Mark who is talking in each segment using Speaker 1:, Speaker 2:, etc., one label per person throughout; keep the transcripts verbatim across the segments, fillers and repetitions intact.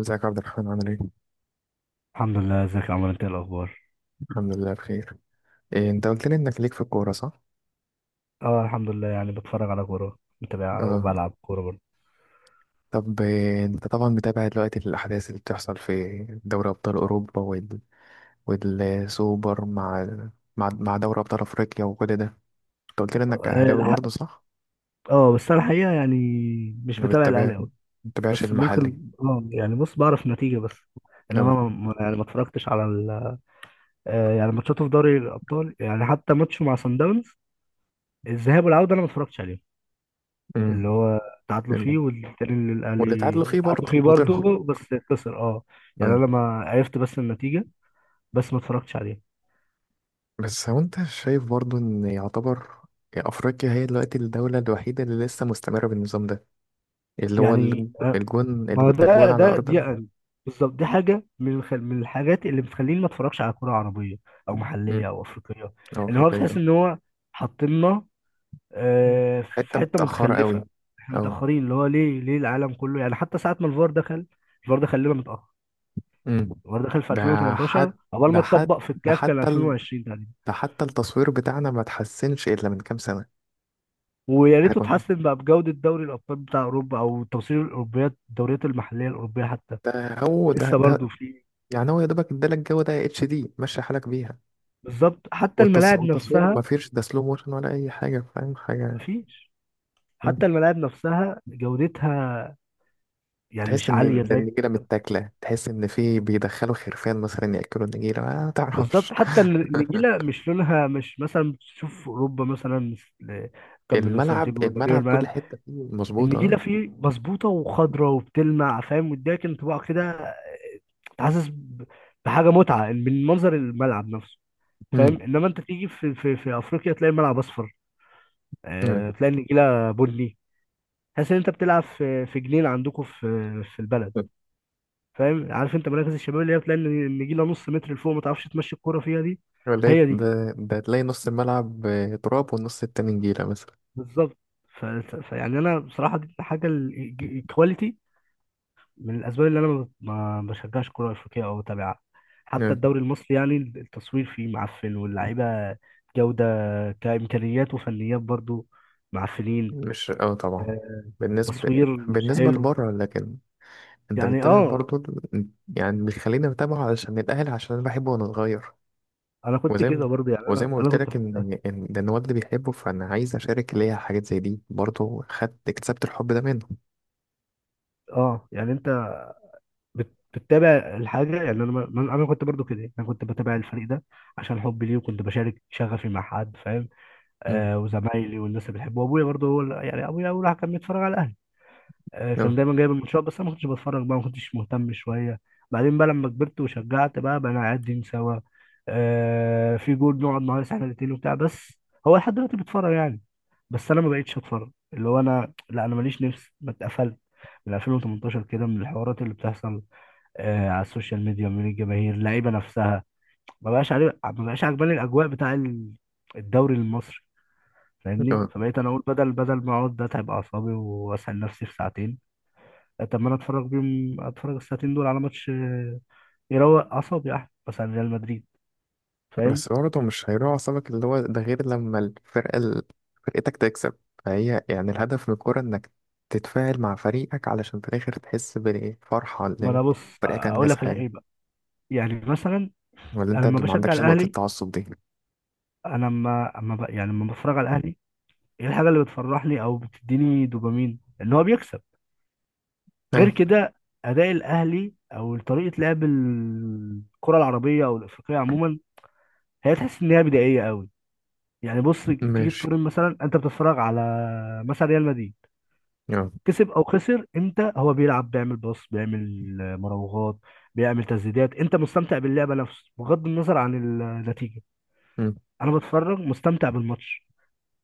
Speaker 1: ازيك يا عبد الرحمن عامل ايه؟
Speaker 2: الحمد لله، ازيك يا عمر؟ انت ايه الاخبار؟
Speaker 1: الحمد لله بخير. إيه انت قلت لي انك ليك في الكورة صح؟
Speaker 2: اه، الحمد لله. يعني بتفرج على كوره، متابعها،
Speaker 1: اه.
Speaker 2: وبلعب كوره برضه.
Speaker 1: طب إيه انت طبعا متابع دلوقتي الأحداث اللي بتحصل في دوري أبطال أوروبا وال... والسوبر مع مع مع دوري أبطال أفريقيا وكل ده انت قلت لي انك
Speaker 2: اه
Speaker 1: أهلاوي
Speaker 2: الح-
Speaker 1: برضه صح؟
Speaker 2: آه، بس انا الحقيقه يعني مش
Speaker 1: ما
Speaker 2: متابع الاهلي
Speaker 1: بتتابع ما
Speaker 2: قوي.
Speaker 1: بتتابعش
Speaker 2: بس
Speaker 1: المحلي.
Speaker 2: ممكن، اه يعني بص، بعرف نتيجه بس.
Speaker 1: اه.
Speaker 2: انما ما ما- يعني ما اتفرجتش على ال... آه يعني ماتشاته في دوري الابطال، يعني حتى ماتشه مع سان داونز، الذهاب والعوده، انا ما اتفرجتش عليهم.
Speaker 1: امم.
Speaker 2: اللي هو تعادلوا
Speaker 1: ال-
Speaker 2: فيه، والتاني اللي
Speaker 1: واللي اتعادلوا
Speaker 2: الاهلي
Speaker 1: فيه
Speaker 2: تعادلوا
Speaker 1: برضه
Speaker 2: فيه
Speaker 1: وطلعوا.
Speaker 2: برضه، بس خسر. اه، يعني
Speaker 1: أمم.
Speaker 2: انا ما عرفت بس النتيجه، بس ما اتفرجتش عليه.
Speaker 1: بس هو انت شايف برضه ان يعتبر أفريقيا هي دلوقتي الدولة الوحيدة اللي لسه مستمرة بالنظام ده، اللي هو
Speaker 2: يعني
Speaker 1: الج- الجون
Speaker 2: ما هو
Speaker 1: الجو- ده الجون
Speaker 2: ده
Speaker 1: على
Speaker 2: ده دي
Speaker 1: أرض.
Speaker 2: بالظبط، دي حاجه من الخ- من الحاجات اللي بتخليني ما اتفرجش على كوره عربيه او
Speaker 1: أمم،
Speaker 2: محليه او افريقيه.
Speaker 1: أه
Speaker 2: ان هو
Speaker 1: أفريقية
Speaker 2: بتحس
Speaker 1: أه.
Speaker 2: ان هو حاطيننا،
Speaker 1: أمم.
Speaker 2: آه، في
Speaker 1: حتة
Speaker 2: حته
Speaker 1: متأخرة قوي.
Speaker 2: متخلفه. احنا
Speaker 1: أه.
Speaker 2: متاخرين، اللي هو ليه ليه العالم كله، يعني حتى ساعه ما الفار دخل، الفار دخل لنا متاخر.
Speaker 1: أمم.
Speaker 2: الفار دخل في
Speaker 1: ده
Speaker 2: ألفين وتمنتاشر،
Speaker 1: حت
Speaker 2: اول ما
Speaker 1: ده حت
Speaker 2: اتطبق في
Speaker 1: ده
Speaker 2: الكاف كان
Speaker 1: حتى ال...
Speaker 2: ألفين وعشرين تقريبا.
Speaker 1: ده حتى التصوير بتاعنا ما تحسنش إلا من كام سنة.
Speaker 2: ويا
Speaker 1: احنا
Speaker 2: ريته
Speaker 1: كنا،
Speaker 2: اتحسن بقى بجوده دوري الابطال بتاع اوروبا، او توصيل الاوروبيات، الدوريات المحليه الاوروبيه حتى
Speaker 1: ده هو ده
Speaker 2: لسه برضو
Speaker 1: ده
Speaker 2: في.
Speaker 1: يعني هو يا دوبك ادالك الجو ده اتش دي ماشي حالك بيها.
Speaker 2: بالظبط، حتى
Speaker 1: والتص...
Speaker 2: الملاعب
Speaker 1: والتصوير ما
Speaker 2: نفسها.
Speaker 1: فيش ده سلو موشن ولا أي حاجة، فاهم حاجة.
Speaker 2: مفيش،
Speaker 1: أمم.
Speaker 2: حتى الملاعب نفسها جودتها يعني
Speaker 1: تحس
Speaker 2: مش
Speaker 1: ان
Speaker 2: عالية
Speaker 1: ده
Speaker 2: زي.
Speaker 1: النجيله متاكله، تحس ان في بيدخلوا خرفان مثلا ياكلوا النجيله ما تعرفش.
Speaker 2: بالظبط، حتى الن- النجيلة مش لونها، مش مثلا تشوف أوروبا، مثلا مثل كامبينو،
Speaker 1: الملعب
Speaker 2: سانتياغو برنابيو،
Speaker 1: الملعب كل
Speaker 2: الملاعب،
Speaker 1: حتة فيه مظبوطة
Speaker 2: النجيلة
Speaker 1: اه.
Speaker 2: فيه مظبوطة وخضرة وبتلمع، فاهم؟ واديك انطباع كده انت حاسس ب- بحاجة متعة من منظر الملعب نفسه،
Speaker 1: مم.
Speaker 2: فاهم؟ انما انت تيجي في في, في افريقيا، تلاقي الملعب اصفر،
Speaker 1: مم.
Speaker 2: آه، تلاقي النجيلة بني، تحس ان انت بتلعب في في جنينة عندكم في في البلد. فاهم، عارف انت مراكز الشباب اللي هي بتلاقي النجيله نص متر لفوق، ما تعرفش تمشي الكوره فيها دي.
Speaker 1: ولا
Speaker 2: هي
Speaker 1: إيه؟
Speaker 2: دي
Speaker 1: ده ده تلاقي نص الملعب آه، تراب والنص التاني نجيلة مثلا.
Speaker 2: بالظبط. ف... ف- فيعني انا بصراحه، دي حاجه الكواليتي، من الاسباب اللي انا ما ما بشجعش كوره افريقيه او بتابعها. حتى
Speaker 1: مم.
Speaker 2: الدوري المصري يعني، التصوير فيه معفن، واللعيبه جوده كامكانيات وفنيات برضو معفنين.
Speaker 1: مش اه طبعا.
Speaker 2: آه،
Speaker 1: بالنسبة،
Speaker 2: تصوير مش
Speaker 1: بالنسبة
Speaker 2: حلو.
Speaker 1: لبره. لكن انت
Speaker 2: يعني
Speaker 1: بتتابع
Speaker 2: اه
Speaker 1: برضه ال- يعني بيخليني اتابعه علشان الاهلي، عشان انا بحبه وانا صغير.
Speaker 2: انا كنت
Speaker 1: وزي ما
Speaker 2: كده برضو، يعني
Speaker 1: وزي
Speaker 2: انا
Speaker 1: ما
Speaker 2: انا
Speaker 1: قلت
Speaker 2: كنت.
Speaker 1: لك ان ان ده الواد اللي بيحبه، فانا عايز اشارك ليا حاجات زي دي، برضه خدت اكتسبت الحب ده منه.
Speaker 2: اه يعني انت بت- بتتابع الحاجه، يعني انا ما- ما- انا كنت برضو كده، انا كنت بتابع الفريق ده عشان حبي ليه، وكنت بشارك شغفي مع حد، فاهم؟
Speaker 1: مم.
Speaker 2: آه، وزمايلي والناس اللي بحبه، وابويا برضو هو اللي- يعني ابويا اول واحد كان بيتفرج على الاهلي. آه، كان
Speaker 1: اه
Speaker 2: دايما جايب الماتشات، بس انا ما كنتش بتفرج بقى، ما كنتش مهتم شويه. بعدين بقى لما كبرت وشجعت بقى بقى قاعدين سوا، آه، في جول نقعد نهيص احنا الاثنين وبتاع، بس هو لحد دلوقتي بيتفرج يعني. بس انا ما بقتش اتفرج اللي هو، انا لا، انا ماليش نفس، ما اتقفلت من ألفين وتمنتاشر كده من الحوارات اللي بتحصل آه، على السوشيال ميديا من الجماهير اللعيبه نفسها. ما بقاش عليه، ما بقاش عجباني الاجواء بتاع ال- الدوري المصري، فاهمني؟
Speaker 1: اه
Speaker 2: فبقيت انا اقول، بدل بدل ما اقعد اتعب اعصابي واسال نفسي في ساعتين، طب ما انا اتفرج بيهم، اتفرج الساعتين دول على ماتش آه، يروق اعصابي احسن، مثلا ريال مدريد، فاهم؟
Speaker 1: بس برضه مش هيروح أعصابك، اللي هو ده غير لما الفرقة ال- فرقتك تكسب، فهي يعني الهدف من الكورة إنك تتفاعل مع فريقك علشان في الآخر تحس بالفرحة
Speaker 2: ما
Speaker 1: اللي
Speaker 2: انا بص
Speaker 1: فريقك
Speaker 2: اقول
Speaker 1: أنجز
Speaker 2: لك
Speaker 1: حاجة،
Speaker 2: الحقيقه بقى، يعني مثلا،
Speaker 1: ولا
Speaker 2: انا لما
Speaker 1: أنت ما
Speaker 2: بشجع
Speaker 1: عندكش نقطة
Speaker 2: الاهلي،
Speaker 1: التعصب دي؟
Speaker 2: انا لما اما ب- يعني لما بتفرج على الاهلي، ايه الحاجه اللي بتفرحني او بتديني دوبامين ان هو بيكسب غير
Speaker 1: أيوه.
Speaker 2: كده؟ اداء الاهلي او طريقه لعب الكره العربيه او الافريقيه عموما، هي تحس ان هي بدائيه قوي. يعني بص، تيجي
Speaker 1: ماشي.
Speaker 2: تقارن، مثلا انت بتتفرج على مثلا ريال مدريد،
Speaker 1: أه.
Speaker 2: كسب او خسر، انت هو بيلعب، بيعمل باص، بيعمل مراوغات، بيعمل تسديدات، انت مستمتع باللعبه نفسه بغض النظر عن النتيجه.
Speaker 1: أمم،
Speaker 2: انا بتفرج مستمتع بالماتش،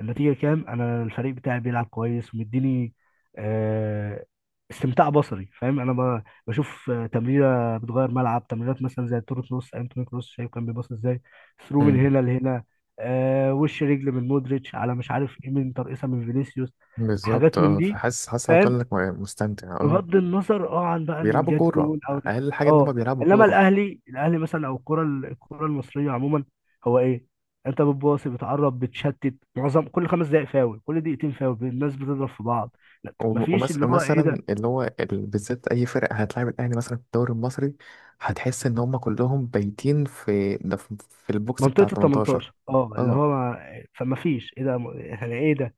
Speaker 2: النتيجة كام، انا الفريق بتاعي بيلعب كويس ومديني آه، استمتاع بصري، فاهم؟ انا ب- بشوف آه، تمريرة بتغير ملعب، تمريرات مثلا زي التورو كروس، ايام توني كروس شايف كان بيباص ازاي ثرو من
Speaker 1: أمم.
Speaker 2: هنا لهنا، آه، وش رجل من مودريتش، على مش عارف ايه، من ترقيصة من فينيسيوس،
Speaker 1: بالظبط
Speaker 2: حاجات من
Speaker 1: أه،
Speaker 2: دي،
Speaker 1: فحاسس، حاسس هتقول
Speaker 2: فاهم؟
Speaker 1: لك مستمتع أه.
Speaker 2: بغض النظر اه عن بقى ان
Speaker 1: بيلعبوا
Speaker 2: جت
Speaker 1: كورة
Speaker 2: جون او
Speaker 1: أقل حاجة إن هما
Speaker 2: اه
Speaker 1: بيلعبوا
Speaker 2: انما
Speaker 1: كورة.
Speaker 2: الاهلي الاهلي مثلا، او الكره الكره المصريه عموما، هو ايه؟ انت بتباصي، بتعرب، بتشتت، معظم كل خمس دقائق، فاول كل دقيقتين، فاول الناس بتضرب في بعض، لا،
Speaker 1: وم-
Speaker 2: مفيش،
Speaker 1: ومس-
Speaker 2: اللي هو ايه
Speaker 1: ومثلا
Speaker 2: ده،
Speaker 1: اللي هو ال- بالذات اي فرق هتلاعب الاهلي مثلا في الدوري المصري هتحس ان هم كلهم بايتين في ده في في البوكس بتاع
Speaker 2: منطقه ال
Speaker 1: تمنتاشر.
Speaker 2: تمنتاشر اه، اللي
Speaker 1: اه
Speaker 2: هو ما- فمفيش، ايه ده؟ يعني ايه ده؟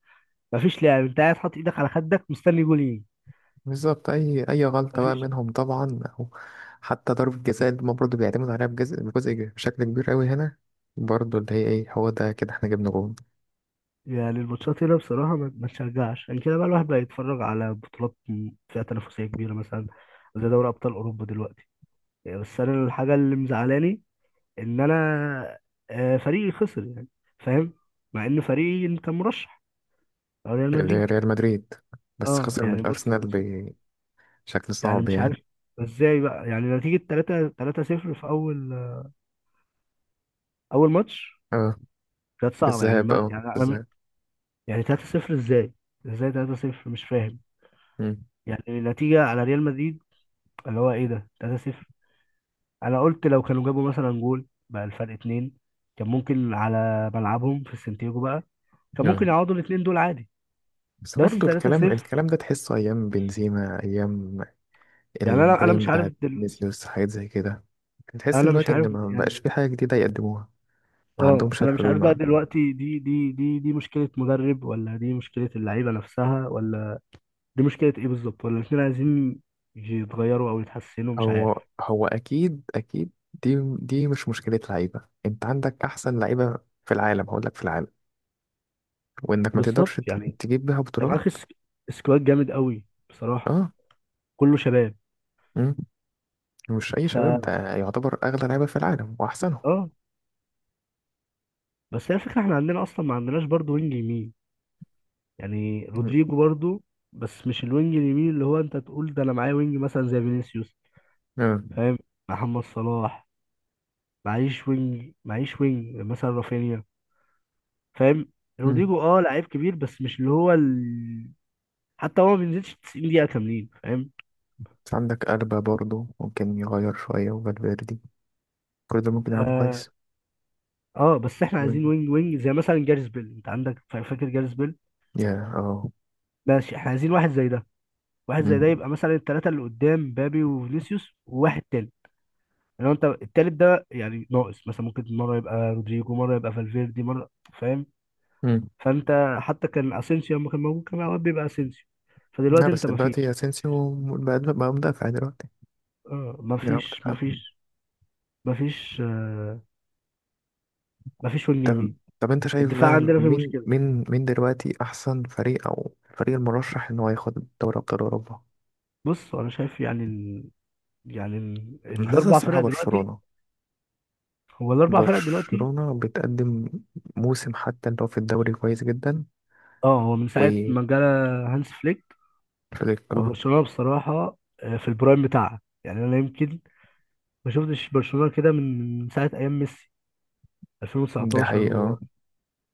Speaker 2: مفيش لعب، انت قاعد حاطط ايدك على خدك مستني جول يجي،
Speaker 1: بالظبط اي اي غلطه بقى
Speaker 2: مفيش.
Speaker 1: منهم طبعا، أو حتى ضربه جزاء اللي هما برضه بيعتمد عليها بجزء بجزء كبير- بشكل كبير قوي هنا، برضه اللي هي ايه هو ده كده احنا جبنا جول.
Speaker 2: يعني الماتشات هنا بصراحة ما ما تشجعش، يعني كده بقى الواحد بقى يتفرج على بطولات م- فيها تنافسية كبيرة، مثلا زي دوري أبطال أوروبا دلوقتي. يعني بس أنا الحاجة اللي مزعلاني إن أنا آه، فريقي خسر يعني، فاهم؟ مع إن فريقي كان مرشح، أو ريال
Speaker 1: اللي هي
Speaker 2: مدريد.
Speaker 1: ريال مدريد بس
Speaker 2: أه
Speaker 1: خسر من
Speaker 2: يعني بص،
Speaker 1: الارسنال بشكل
Speaker 2: يعني
Speaker 1: صعب
Speaker 2: مش
Speaker 1: يعني.
Speaker 2: عارف إزاي بقى، يعني نتيجة تلاتة تلاتة صفر في أول، أول ماتش
Speaker 1: اه
Speaker 2: كانت
Speaker 1: في
Speaker 2: صعبة يعني،
Speaker 1: الذهاب،
Speaker 2: ما
Speaker 1: اه في
Speaker 2: يعني أنا،
Speaker 1: الذهاب.
Speaker 2: يعني ثلاثة صفر إزاي؟ إزاي تلاتة صفر مش فاهم؟
Speaker 1: مم.
Speaker 2: يعني نتيجة على ريال مدريد، اللي هو ايه ده تلاتة صفر. انا قلت لو كانوا جابوا مثلا جول بقى الفرق اتنين، كان ممكن على ملعبهم في السنتيجو بقى، كان ممكن
Speaker 1: آه.
Speaker 2: يعوضوا الاتنين دول عادي،
Speaker 1: بس
Speaker 2: بس
Speaker 1: برضه الكلام
Speaker 2: ثلاثة صفر.
Speaker 1: الكلام ده تحسه أيام بنزيما، أيام
Speaker 2: يعني انا انا
Speaker 1: البرايم
Speaker 2: مش عارف
Speaker 1: بتاعت
Speaker 2: دل...
Speaker 1: فينيسيوس، حاجات زي كده. تحس
Speaker 2: انا مش
Speaker 1: دلوقتي إن
Speaker 2: عارف
Speaker 1: ما بقاش
Speaker 2: يعني،
Speaker 1: في حاجة جديدة يقدموها، ما
Speaker 2: اه،
Speaker 1: عندهمش
Speaker 2: انا مش
Speaker 1: الحلول
Speaker 2: عارف بقى
Speaker 1: ما.
Speaker 2: دلوقتي، دي دي دي دي مشكلة مدرب، ولا دي مشكلة اللعيبة نفسها، ولا دي مشكلة ايه بالظبط، ولا الاتنين عايزين يتغيروا او يتحسنوا، مش
Speaker 1: هو
Speaker 2: عارف.
Speaker 1: هو أكيد أكيد دي دي مش مشكلة لعيبة، أنت عندك أحسن لعيبة في العالم، هقول لك في العالم، وإنك ما
Speaker 2: بالظبط
Speaker 1: تقدرش ت-
Speaker 2: يعني،
Speaker 1: تجيب بيها
Speaker 2: طب
Speaker 1: بطولات.
Speaker 2: معاك سكواد جامد قوي، بصراحة
Speaker 1: أه.
Speaker 2: كله شباب.
Speaker 1: مم. مش أي
Speaker 2: ف
Speaker 1: شباب، ده يعتبر أغلى لعيبة في العالم وأحسنهم.
Speaker 2: اه بس هي الفكرة، احنا عندنا اصلا ما عندناش برضو وينج يمين يعني،
Speaker 1: مم.
Speaker 2: رودريجو برضو، بس مش الوينج اليمين اللي هو انت تقول ده، انا معايا وينج مثلا زي فينيسيوس،
Speaker 1: مم.
Speaker 2: فاهم؟ محمد صلاح، معيش وينج، معيش وينج مثلا رافينيا، فاهم؟
Speaker 1: مم.
Speaker 2: رودريجو اه لعيب كبير بس مش اللي هو ال... حتى هو ما بينزلش تسعين دقيقة كاملين، فاهم؟
Speaker 1: بس عندك ألبا برضه ممكن يغير شوية، وفالفيردي كل ده ممكن يلعبوا
Speaker 2: اه,
Speaker 1: كويس.
Speaker 2: آه بس احنا عايزين وينج، وينج زي مثلا جاريس بيل، انت عندك فا- فاكر جاريس بيل؟
Speaker 1: يا اه.
Speaker 2: ماشي، احنا عايزين واحد زي ده، واحد زي
Speaker 1: مم.
Speaker 2: ده يبقى مثلا الثلاثة اللي قدام، بابي وفينيسيوس وواحد تاني، لو انت التالت ده يعني ناقص مثلا، ممكن مره يبقى رودريجو، مره يبقى فالفيردي، مره، فاهم؟
Speaker 1: مم.
Speaker 2: فانت حتى كان اسينسيو لما كان موجود كان اوقات بيبقى اسينسيو،
Speaker 1: لا
Speaker 2: فدلوقتي
Speaker 1: بس
Speaker 2: انت
Speaker 1: دلوقتي
Speaker 2: مفيش،
Speaker 1: اسينسيو بقى بقى مدافع دلوقتي،
Speaker 2: اه
Speaker 1: بيلعب
Speaker 2: مفيش
Speaker 1: مدافع.
Speaker 2: مفيش مفيش آه مفيش وينج
Speaker 1: طب،
Speaker 2: يمين.
Speaker 1: طب انت شايف
Speaker 2: الدفاع
Speaker 1: بقى
Speaker 2: عندنا فيه
Speaker 1: مين
Speaker 2: مشكله.
Speaker 1: مين مين دلوقتي احسن فريق، او الفريق المرشح ان هو ياخد دوري ابطال اوروبا؟
Speaker 2: بص انا شايف يعني ال... يعني ال...
Speaker 1: أنا حاسسها
Speaker 2: الاربع
Speaker 1: الصراحه
Speaker 2: فرق دلوقتي،
Speaker 1: برشلونه.
Speaker 2: هو الاربع فرق دلوقتي،
Speaker 1: برشلونه بتقدم موسم حتى لو في الدوري كويس جدا،
Speaker 2: اه هو من ساعه
Speaker 1: وفليك.
Speaker 2: ما جالا هانس فليك
Speaker 1: اه.
Speaker 2: وبرشلونه بصراحه آه، في البرايم بتاعها، يعني انا يمكن ما شفتش برشلونه كده من من ساعه ايام ميسي
Speaker 1: دي
Speaker 2: ألفين وتسعتاشر
Speaker 1: حقيقه
Speaker 2: و...
Speaker 1: اه.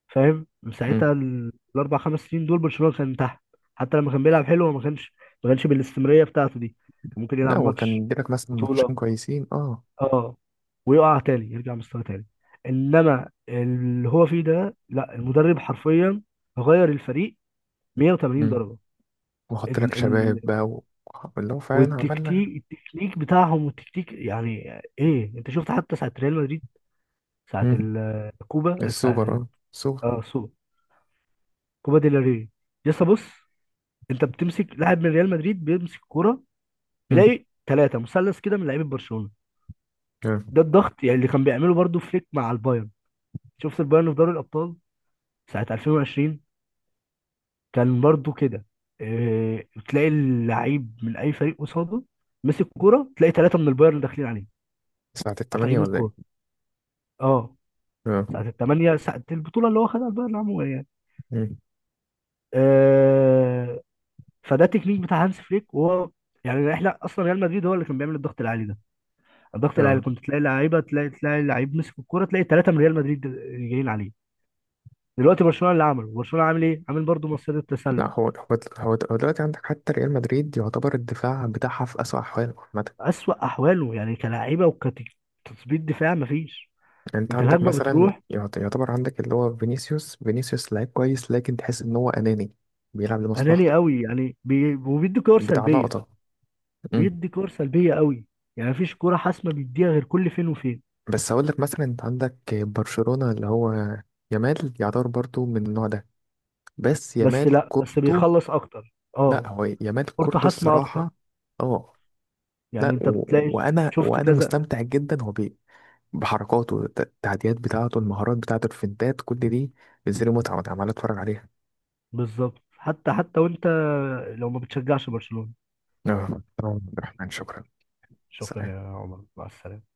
Speaker 2: فاهم؟ من
Speaker 1: مم.
Speaker 2: ساعتها ال- الاربع خمس سنين دول برشلونه كان تحت، حتى لما كان بيلعب حلو هو ما كانش ما كانش بالاستمراريه بتاعته دي، كان ممكن
Speaker 1: لا
Speaker 2: يلعب
Speaker 1: هو
Speaker 2: ماتش
Speaker 1: كان بيلك مثلا ماتشين
Speaker 2: بطوله
Speaker 1: كويسين اه.
Speaker 2: اه، ويقع تاني، يرجع مستوى تاني. انما اللي هو فيه ده لا، المدرب حرفيا غير الفريق مية وتمانين درجه،
Speaker 1: واحط
Speaker 2: ال...
Speaker 1: لك شباب
Speaker 2: ال...
Speaker 1: بقى و... اللي هو فعلا
Speaker 2: والتكتيك،
Speaker 1: عملنا.
Speaker 2: التكنيك بتاعهم والتكتيك يعني ايه، انت شفت حتى ساعه ريال مدريد، ساعه
Speaker 1: مم.
Speaker 2: الكوبا،
Speaker 1: السوبر
Speaker 2: ساعه
Speaker 1: اه السوبر.
Speaker 2: اه سو كوبا ديل ري لسه، بص، انت بتمسك لاعب من ريال مدريد بيمسك كوره
Speaker 1: مم.
Speaker 2: بيلاقي ثلاثه، مثلث كده من لعيبه برشلونه،
Speaker 1: اه.
Speaker 2: ده الضغط يعني اللي كان بيعمله برضو فليك مع البايرن، شفت البايرن في دوري الابطال ساعه ألفين وعشرين كان برضو كده، اه، تلاقي اللعيب من اي فريق قصاده مسك كوره، تلاقي ثلاثه من البايرن داخلين عليه،
Speaker 1: ساعة التمانية
Speaker 2: قاطعين
Speaker 1: ولا
Speaker 2: الكوره،
Speaker 1: ايه؟
Speaker 2: اه،
Speaker 1: اه.
Speaker 2: ساعه الثمانيه، ساعه البطوله اللي هو خدها البايرن عموما يعني
Speaker 1: مم.
Speaker 2: اه، فده تكنيك بتاع هانس فليك، وهو يعني احنا اصلا ريال مدريد هو اللي كان بيعمل الضغط العالي ده، ضغط العيال
Speaker 1: اه.
Speaker 2: كنت تلاقي لعيبه، تلاقي تلاقي لعيب مسك الكوره تلاقي ثلاثه من ريال مدريد جايين عليه، دلوقتي برشلونه اللي عمله برشلونه عامل ايه؟ عامل برضه مصيدة
Speaker 1: لا
Speaker 2: التسلل.
Speaker 1: هو هو هو هو دلوقتي عندك حتى ريال مدريد يعتبر الدفاع بتاعها في أسوأ أحواله عامة.
Speaker 2: اسوأ احواله يعني كلاعيبه وكتثبيت دفاع مفيش،
Speaker 1: انت
Speaker 2: انت
Speaker 1: عندك
Speaker 2: الهجمه
Speaker 1: مثلا
Speaker 2: بتروح،
Speaker 1: يعت- يعتبر عندك اللي هو فينيسيوس، فينيسيوس لعيب كويس لكن تحس ان هو أناني، بيلعب
Speaker 2: اناني
Speaker 1: لمصلحته،
Speaker 2: قوي يعني بي... وبيدي كور
Speaker 1: بتاع
Speaker 2: سلبيه،
Speaker 1: لقطة. مم.
Speaker 2: بيدي كور سلبيه قوي يعني، مفيش كوره حاسمه بيديها غير كل فين وفين،
Speaker 1: بس هقول لك مثلا انت عندك برشلونة، اللي هو يامال يعتبر برضو من النوع ده، بس
Speaker 2: بس
Speaker 1: يامال
Speaker 2: لا بس
Speaker 1: كورته.
Speaker 2: بيخلص اكتر
Speaker 1: لا
Speaker 2: اه،
Speaker 1: هو يامال
Speaker 2: كورته
Speaker 1: كورته
Speaker 2: حاسمه اكتر،
Speaker 1: الصراحة اه.
Speaker 2: يعني
Speaker 1: لا
Speaker 2: انت
Speaker 1: و...
Speaker 2: بتلاقي،
Speaker 1: وانا
Speaker 2: شفت
Speaker 1: وانا
Speaker 2: كذا،
Speaker 1: مستمتع جدا هو بي... بحركاته الت- التعديات بتاعته، المهارات بتاعته، الفنتات، كل دي بتزيد متعة وانا عمال اتفرج عليها.
Speaker 2: بالظبط، حتى حتى وانت لو ما بتشجعش برشلونه.
Speaker 1: اه طبعاً. عبد الرحمن شكرا.
Speaker 2: شكرا
Speaker 1: سلام.
Speaker 2: يا عمر، مع السلامة.